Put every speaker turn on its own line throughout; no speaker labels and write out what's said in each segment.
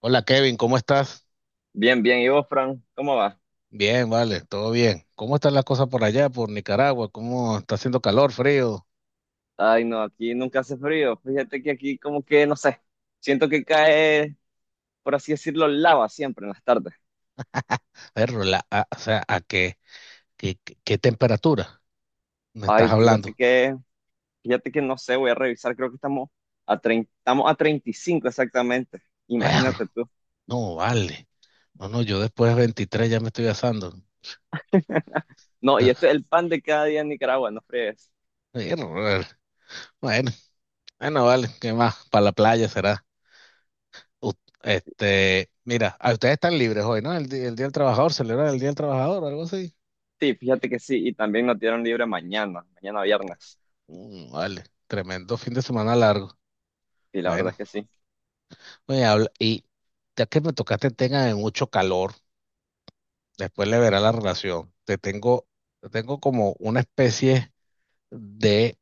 Hola Kevin, ¿cómo estás?
Bien, bien. ¿Y vos, Fran? ¿Cómo va?
Bien, vale, todo bien. ¿Cómo están las cosas por allá, por Nicaragua? ¿Cómo está haciendo calor, frío?
Ay, no, aquí nunca hace frío. Fíjate que aquí como que, no sé, siento que cae, por así decirlo, lava siempre en las tardes.
Perro, o sea, ¿a qué, qué temperatura me estás
Ay,
hablando?
fíjate que no sé, voy a revisar, creo que estamos a 30, estamos a 35 exactamente.
Perro,
Imagínate tú.
no, vale. No, no, yo después de 23 ya me estoy asando.
No, y esto es el pan de cada día en Nicaragua, no fregues.
Perro, vale. Bueno, bueno, vale, ¿qué más? Para la playa será. U- este, mira, a ustedes están libres hoy, ¿no? El Día del Trabajador, celebran el Día del Trabajador o algo así.
Sí, fíjate que sí, y también nos dieron libre mañana, mañana viernes.
Mm, vale, tremendo fin de semana largo.
Sí, la verdad
Bueno.
es que sí.
Oye, y ya que me tocaste el tema de mucho calor, después le verá la relación. Te tengo como una especie de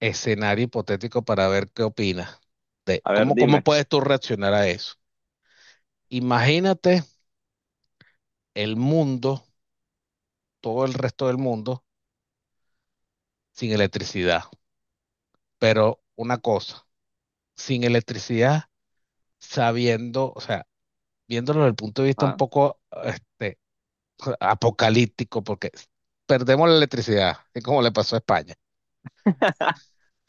escenario hipotético para ver qué opinas de
A ver,
cómo
dime.
puedes tú reaccionar a eso. Imagínate el mundo, todo el resto del mundo, sin electricidad. Pero una cosa, sin electricidad, sabiendo, o sea, viéndolo desde el punto de vista un
Ah,
poco apocalíptico porque perdemos la electricidad, es como le pasó a España.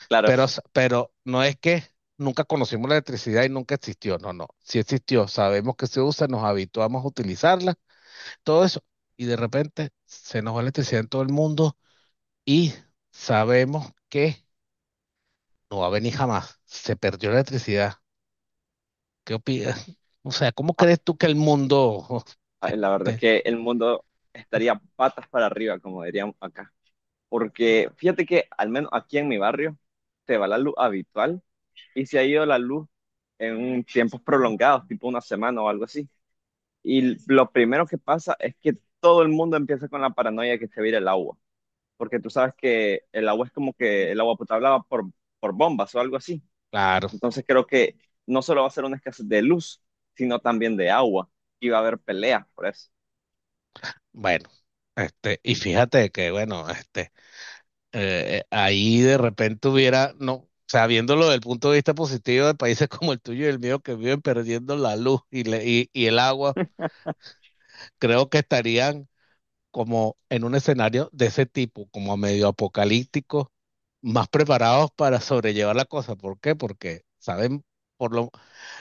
claro.
Pero no es que nunca conocimos la electricidad y nunca existió, no, no, sí existió, sabemos que se usa, nos habituamos a utilizarla, todo eso, y de repente se nos va la electricidad en todo el mundo y sabemos que no va a venir jamás, se perdió la electricidad. ¿Qué opinas? O sea, ¿cómo
Ah,
crees tú que el mundo...
ay, la verdad es
este,
que el mundo estaría patas para arriba, como diríamos acá. Porque fíjate que al menos aquí en mi barrio se va la luz habitual y se ha ido la luz en tiempos prolongados, tipo una semana o algo así. Y lo primero que pasa es que todo el mundo empieza con la paranoia de que se va a ir el agua, porque tú sabes que el agua es como que el agua potable va por bombas o algo así.
claro,
Entonces creo que no solo va a ser una escasez de luz, sino también de agua y va a haber peleas por eso.
bueno, y fíjate que, bueno, ahí de repente hubiera, no, o sea, viéndolo desde el punto de vista positivo de países como el tuyo y el mío que viven perdiendo la luz y, y el agua, creo que estarían como en un escenario de ese tipo, como medio apocalíptico, más preparados para sobrellevar la cosa. ¿Por qué? Porque saben, por lo,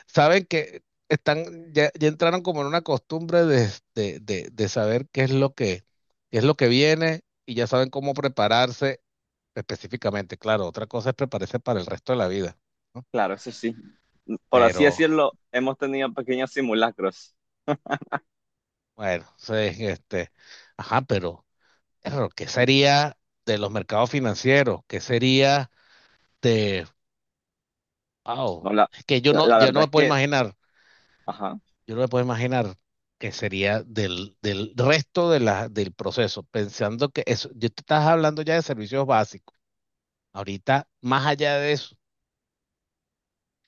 saben que están, ya, ya entraron como en una costumbre de saber qué es lo que, qué es lo que viene y ya saben cómo prepararse específicamente. Claro, otra cosa es prepararse para el resto de la vida, ¿no?
Claro, eso sí. Por así
Pero,
decirlo, hemos tenido pequeños simulacros.
bueno, sí, este, ajá, pero ¿qué sería de los mercados financieros? ¿Qué sería de,
No,
wow,
la,
es que yo
la,
no,
la
ya no
verdad
me
es
puedo
que,
imaginar.
ajá,
Yo no me puedo imaginar que sería del resto de la, del proceso, pensando que eso, yo te estás hablando ya de servicios básicos. Ahorita, más allá de eso,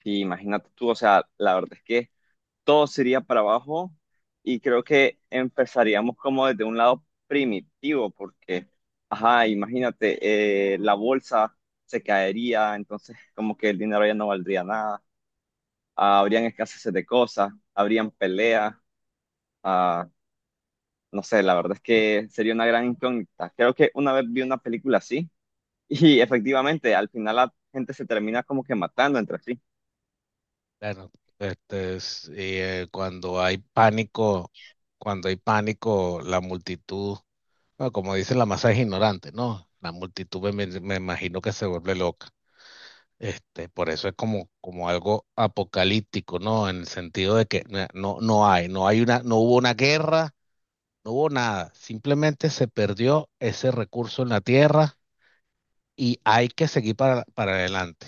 sí, imagínate tú, o sea, la verdad es que todo sería para abajo y creo que empezaríamos como desde un lado primitivo, porque, ajá, imagínate, la bolsa se caería, entonces como que el dinero ya no valdría nada, ah, habrían escasez de cosas, habrían peleas, ah, no sé, la verdad es que sería una gran incógnita. Creo que una vez vi una película así y efectivamente al final la gente se termina como que matando entre sí.
bueno, este, es, cuando hay pánico, la multitud, bueno, como dice la masa es ignorante, ¿no? La multitud me imagino que se vuelve loca. Este, por eso es como, como algo apocalíptico, ¿no? En el sentido de que no hay una, no hubo una guerra. No hubo nada, simplemente se perdió ese recurso en la tierra y hay que seguir para adelante.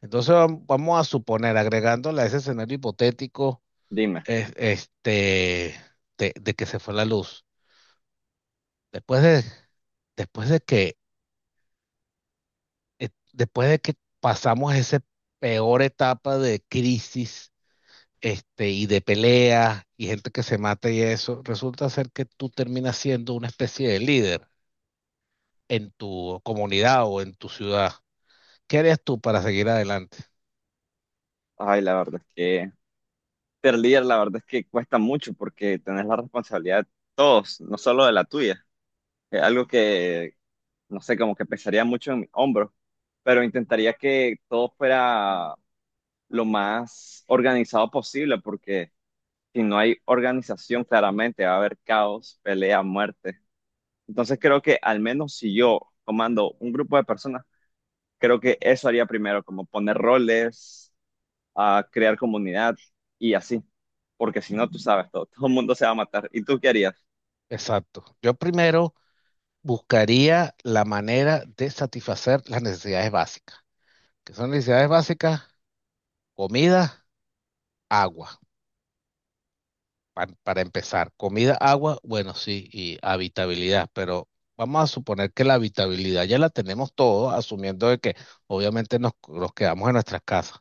Entonces vamos a suponer, agregándole a ese escenario hipotético,
Dime.
este, de que se fue la luz. Después de, después de que, después de que pasamos esa peor etapa de crisis, este, y de pelea y gente que se mata y eso, resulta ser que tú terminas siendo una especie de líder en tu comunidad o en tu ciudad, ¿qué harías tú para seguir adelante?
Ay, la verdad es que ser líder, la verdad es que cuesta mucho porque tenés la responsabilidad de todos, no solo de la tuya. Es algo que, no sé, como que pesaría mucho en mi hombro, pero intentaría que todo fuera lo más organizado posible porque si no hay organización, claramente va a haber caos, pelea, muerte. Entonces creo que al menos si yo comando un grupo de personas, creo que eso haría primero, como poner roles. A crear comunidad y así, porque si no, tú sabes, todo, todo el mundo se va a matar. ¿Y tú qué harías?
Exacto. Yo primero buscaría la manera de satisfacer las necesidades básicas, qué son necesidades básicas, comida, agua, para empezar. Comida, agua, bueno, sí, y habitabilidad, pero vamos a suponer que la habitabilidad ya la tenemos todos, asumiendo de que obviamente nos quedamos en nuestras casas,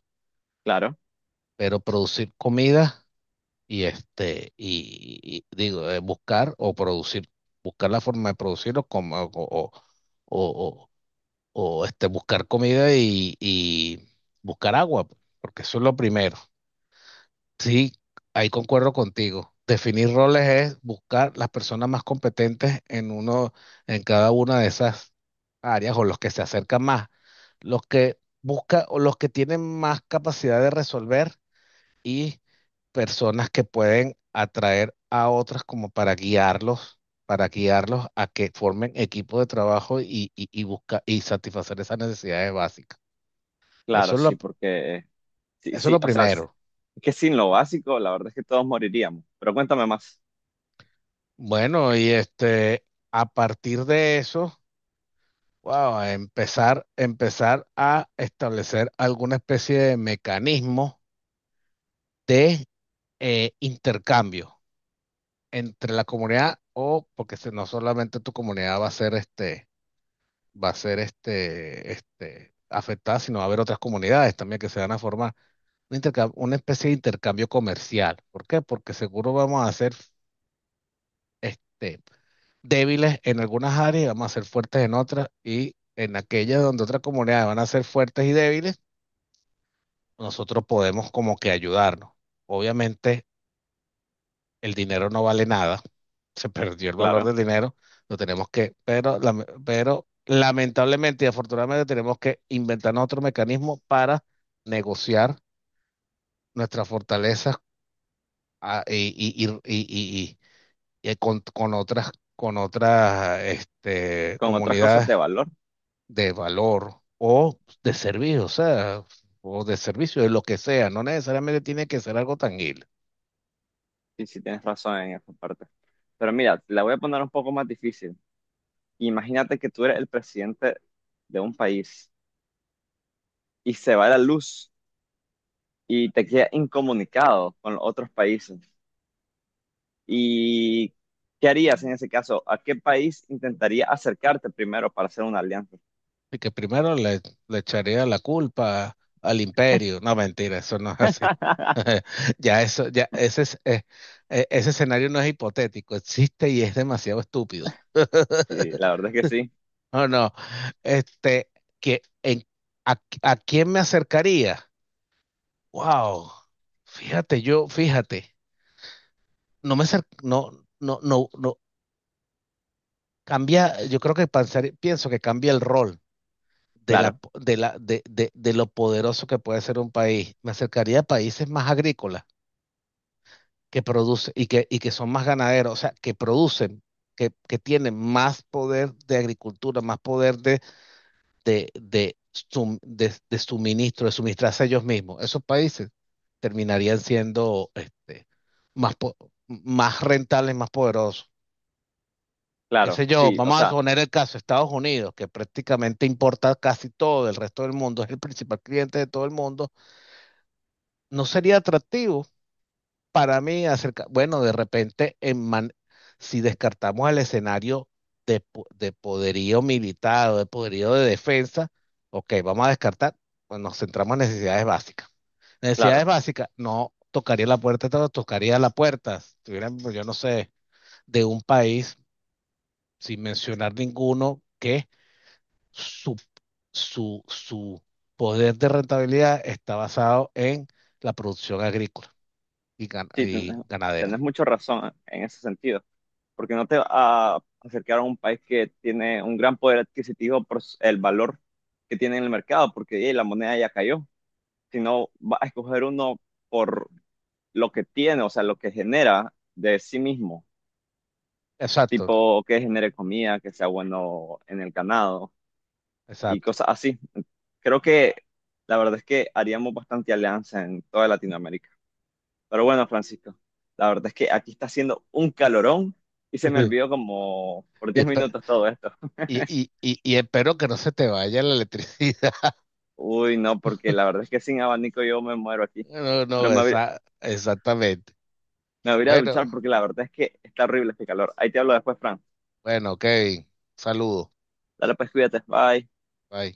Claro,
pero producir comida y este, y digo, buscar o producir, buscar la forma de producirlo como, o- o, o, este, buscar comida y buscar agua, pues, porque eso es lo primero. Sí, ahí concuerdo contigo. Definir roles es buscar las personas más competentes en uno, en cada una de esas áreas o los que se acercan más, los que busca o los que tienen más capacidad de resolver y personas que pueden atraer a otras como para guiarlos a que formen equipo de trabajo y satisfacer esas necesidades básicas. Eso
claro,
es
sí,
lo,
porque sí,
eso es lo
sí, o sea, es
primero.
que sin lo básico, la verdad es que todos moriríamos. Pero cuéntame más,
Bueno, y este, a partir de eso, wow, empezar a establecer alguna especie de mecanismo de intercambio entre la comunidad o porque si no solamente tu comunidad va a ser este va a ser este, afectada, sino va a haber otras comunidades también que se van a formar. Una especie de intercambio comercial. ¿Por qué? Porque seguro vamos a ser este, débiles en algunas áreas y vamos a ser fuertes en otras. Y en aquellas donde otras comunidades van a ser fuertes y débiles, nosotros podemos como que ayudarnos. Obviamente el dinero no vale nada, se perdió el valor
claro,
del dinero, lo tenemos que, pero, pero lamentablemente y afortunadamente tenemos que inventarnos otro mecanismo para negociar nuestras fortalezas ah, y con otras este,
con otras cosas
comunidades
de valor,
de valor o de servicio, o sea, o de servicio, de lo que sea, no necesariamente tiene que ser algo tangible.
sí, sí tienes razón en esa parte. Pero mira, la voy a poner un poco más difícil. Imagínate que tú eres el presidente de un país y se va la luz y te quedas incomunicado con los otros países. ¿Y qué harías en ese caso? ¿A qué país intentaría acercarte primero para hacer una alianza?
Y que primero le echaría la culpa al imperio. No, mentira, eso no es así. Ya eso, ese escenario no es hipotético, existe y es demasiado estúpido.
Sí, la verdad es que sí,
No, no. Este, que en, ¿a quién me acercaría? Wow. Fíjate, yo, fíjate, no, no, no, no, cambia, yo creo que pienso que cambia el rol. De, la,
claro,
de, la, de lo poderoso que puede ser un país. Me acercaría a países más agrícolas que producen y que son más ganaderos, o sea, que producen, que tienen más poder de agricultura, más poder de suministro, de suministrarse ellos mismos. Esos países terminarían siendo este, más, po- más rentables, más poderosos. Qué
claro,
sé yo,
sí, o
vamos a
sea,
poner el caso de Estados Unidos, que prácticamente importa casi todo del resto del mundo. Es el principal cliente de todo el mundo, no sería atractivo para mí acerca, bueno, de repente, en man, si descartamos el escenario de, de poderío militar o de poderío de defensa, ok, vamos a descartar, pues nos centramos en necesidades básicas. Necesidades
claro,
básicas, no tocaría la puerta, no tocaría la puerta, si tuvieran, pues, yo no sé, de un país, sin mencionar ninguno, que su, su poder de rentabilidad está basado en la producción agrícola
sí,
y ganadera.
tenés mucha razón en ese sentido, porque no te va a acercar a un país que tiene un gran poder adquisitivo por el valor que tiene en el mercado, porque ey, la moneda ya cayó, sino va a escoger uno por lo que tiene, o sea, lo que genera de sí mismo.
Exacto,
Tipo que genere comida, que sea bueno en el ganado y
exacto.
cosas así. Creo que la verdad es que haríamos bastante alianza en toda Latinoamérica. Pero bueno, Francisco, la verdad es que aquí está haciendo un calorón y se me olvidó como por
Y,
10
espe-
minutos todo esto.
y, y espero que no se te vaya la electricidad.
Uy, no, porque la verdad es que sin abanico yo me muero aquí.
No,
Pero
no,
me, voy-
esa, exactamente.
Me voy a ir a duchar
Bueno,
porque la verdad es que está horrible este calor. Ahí te hablo después, Fran.
bueno, Kevin, saludos.
Dale pues, cuídate. Bye.
Bye.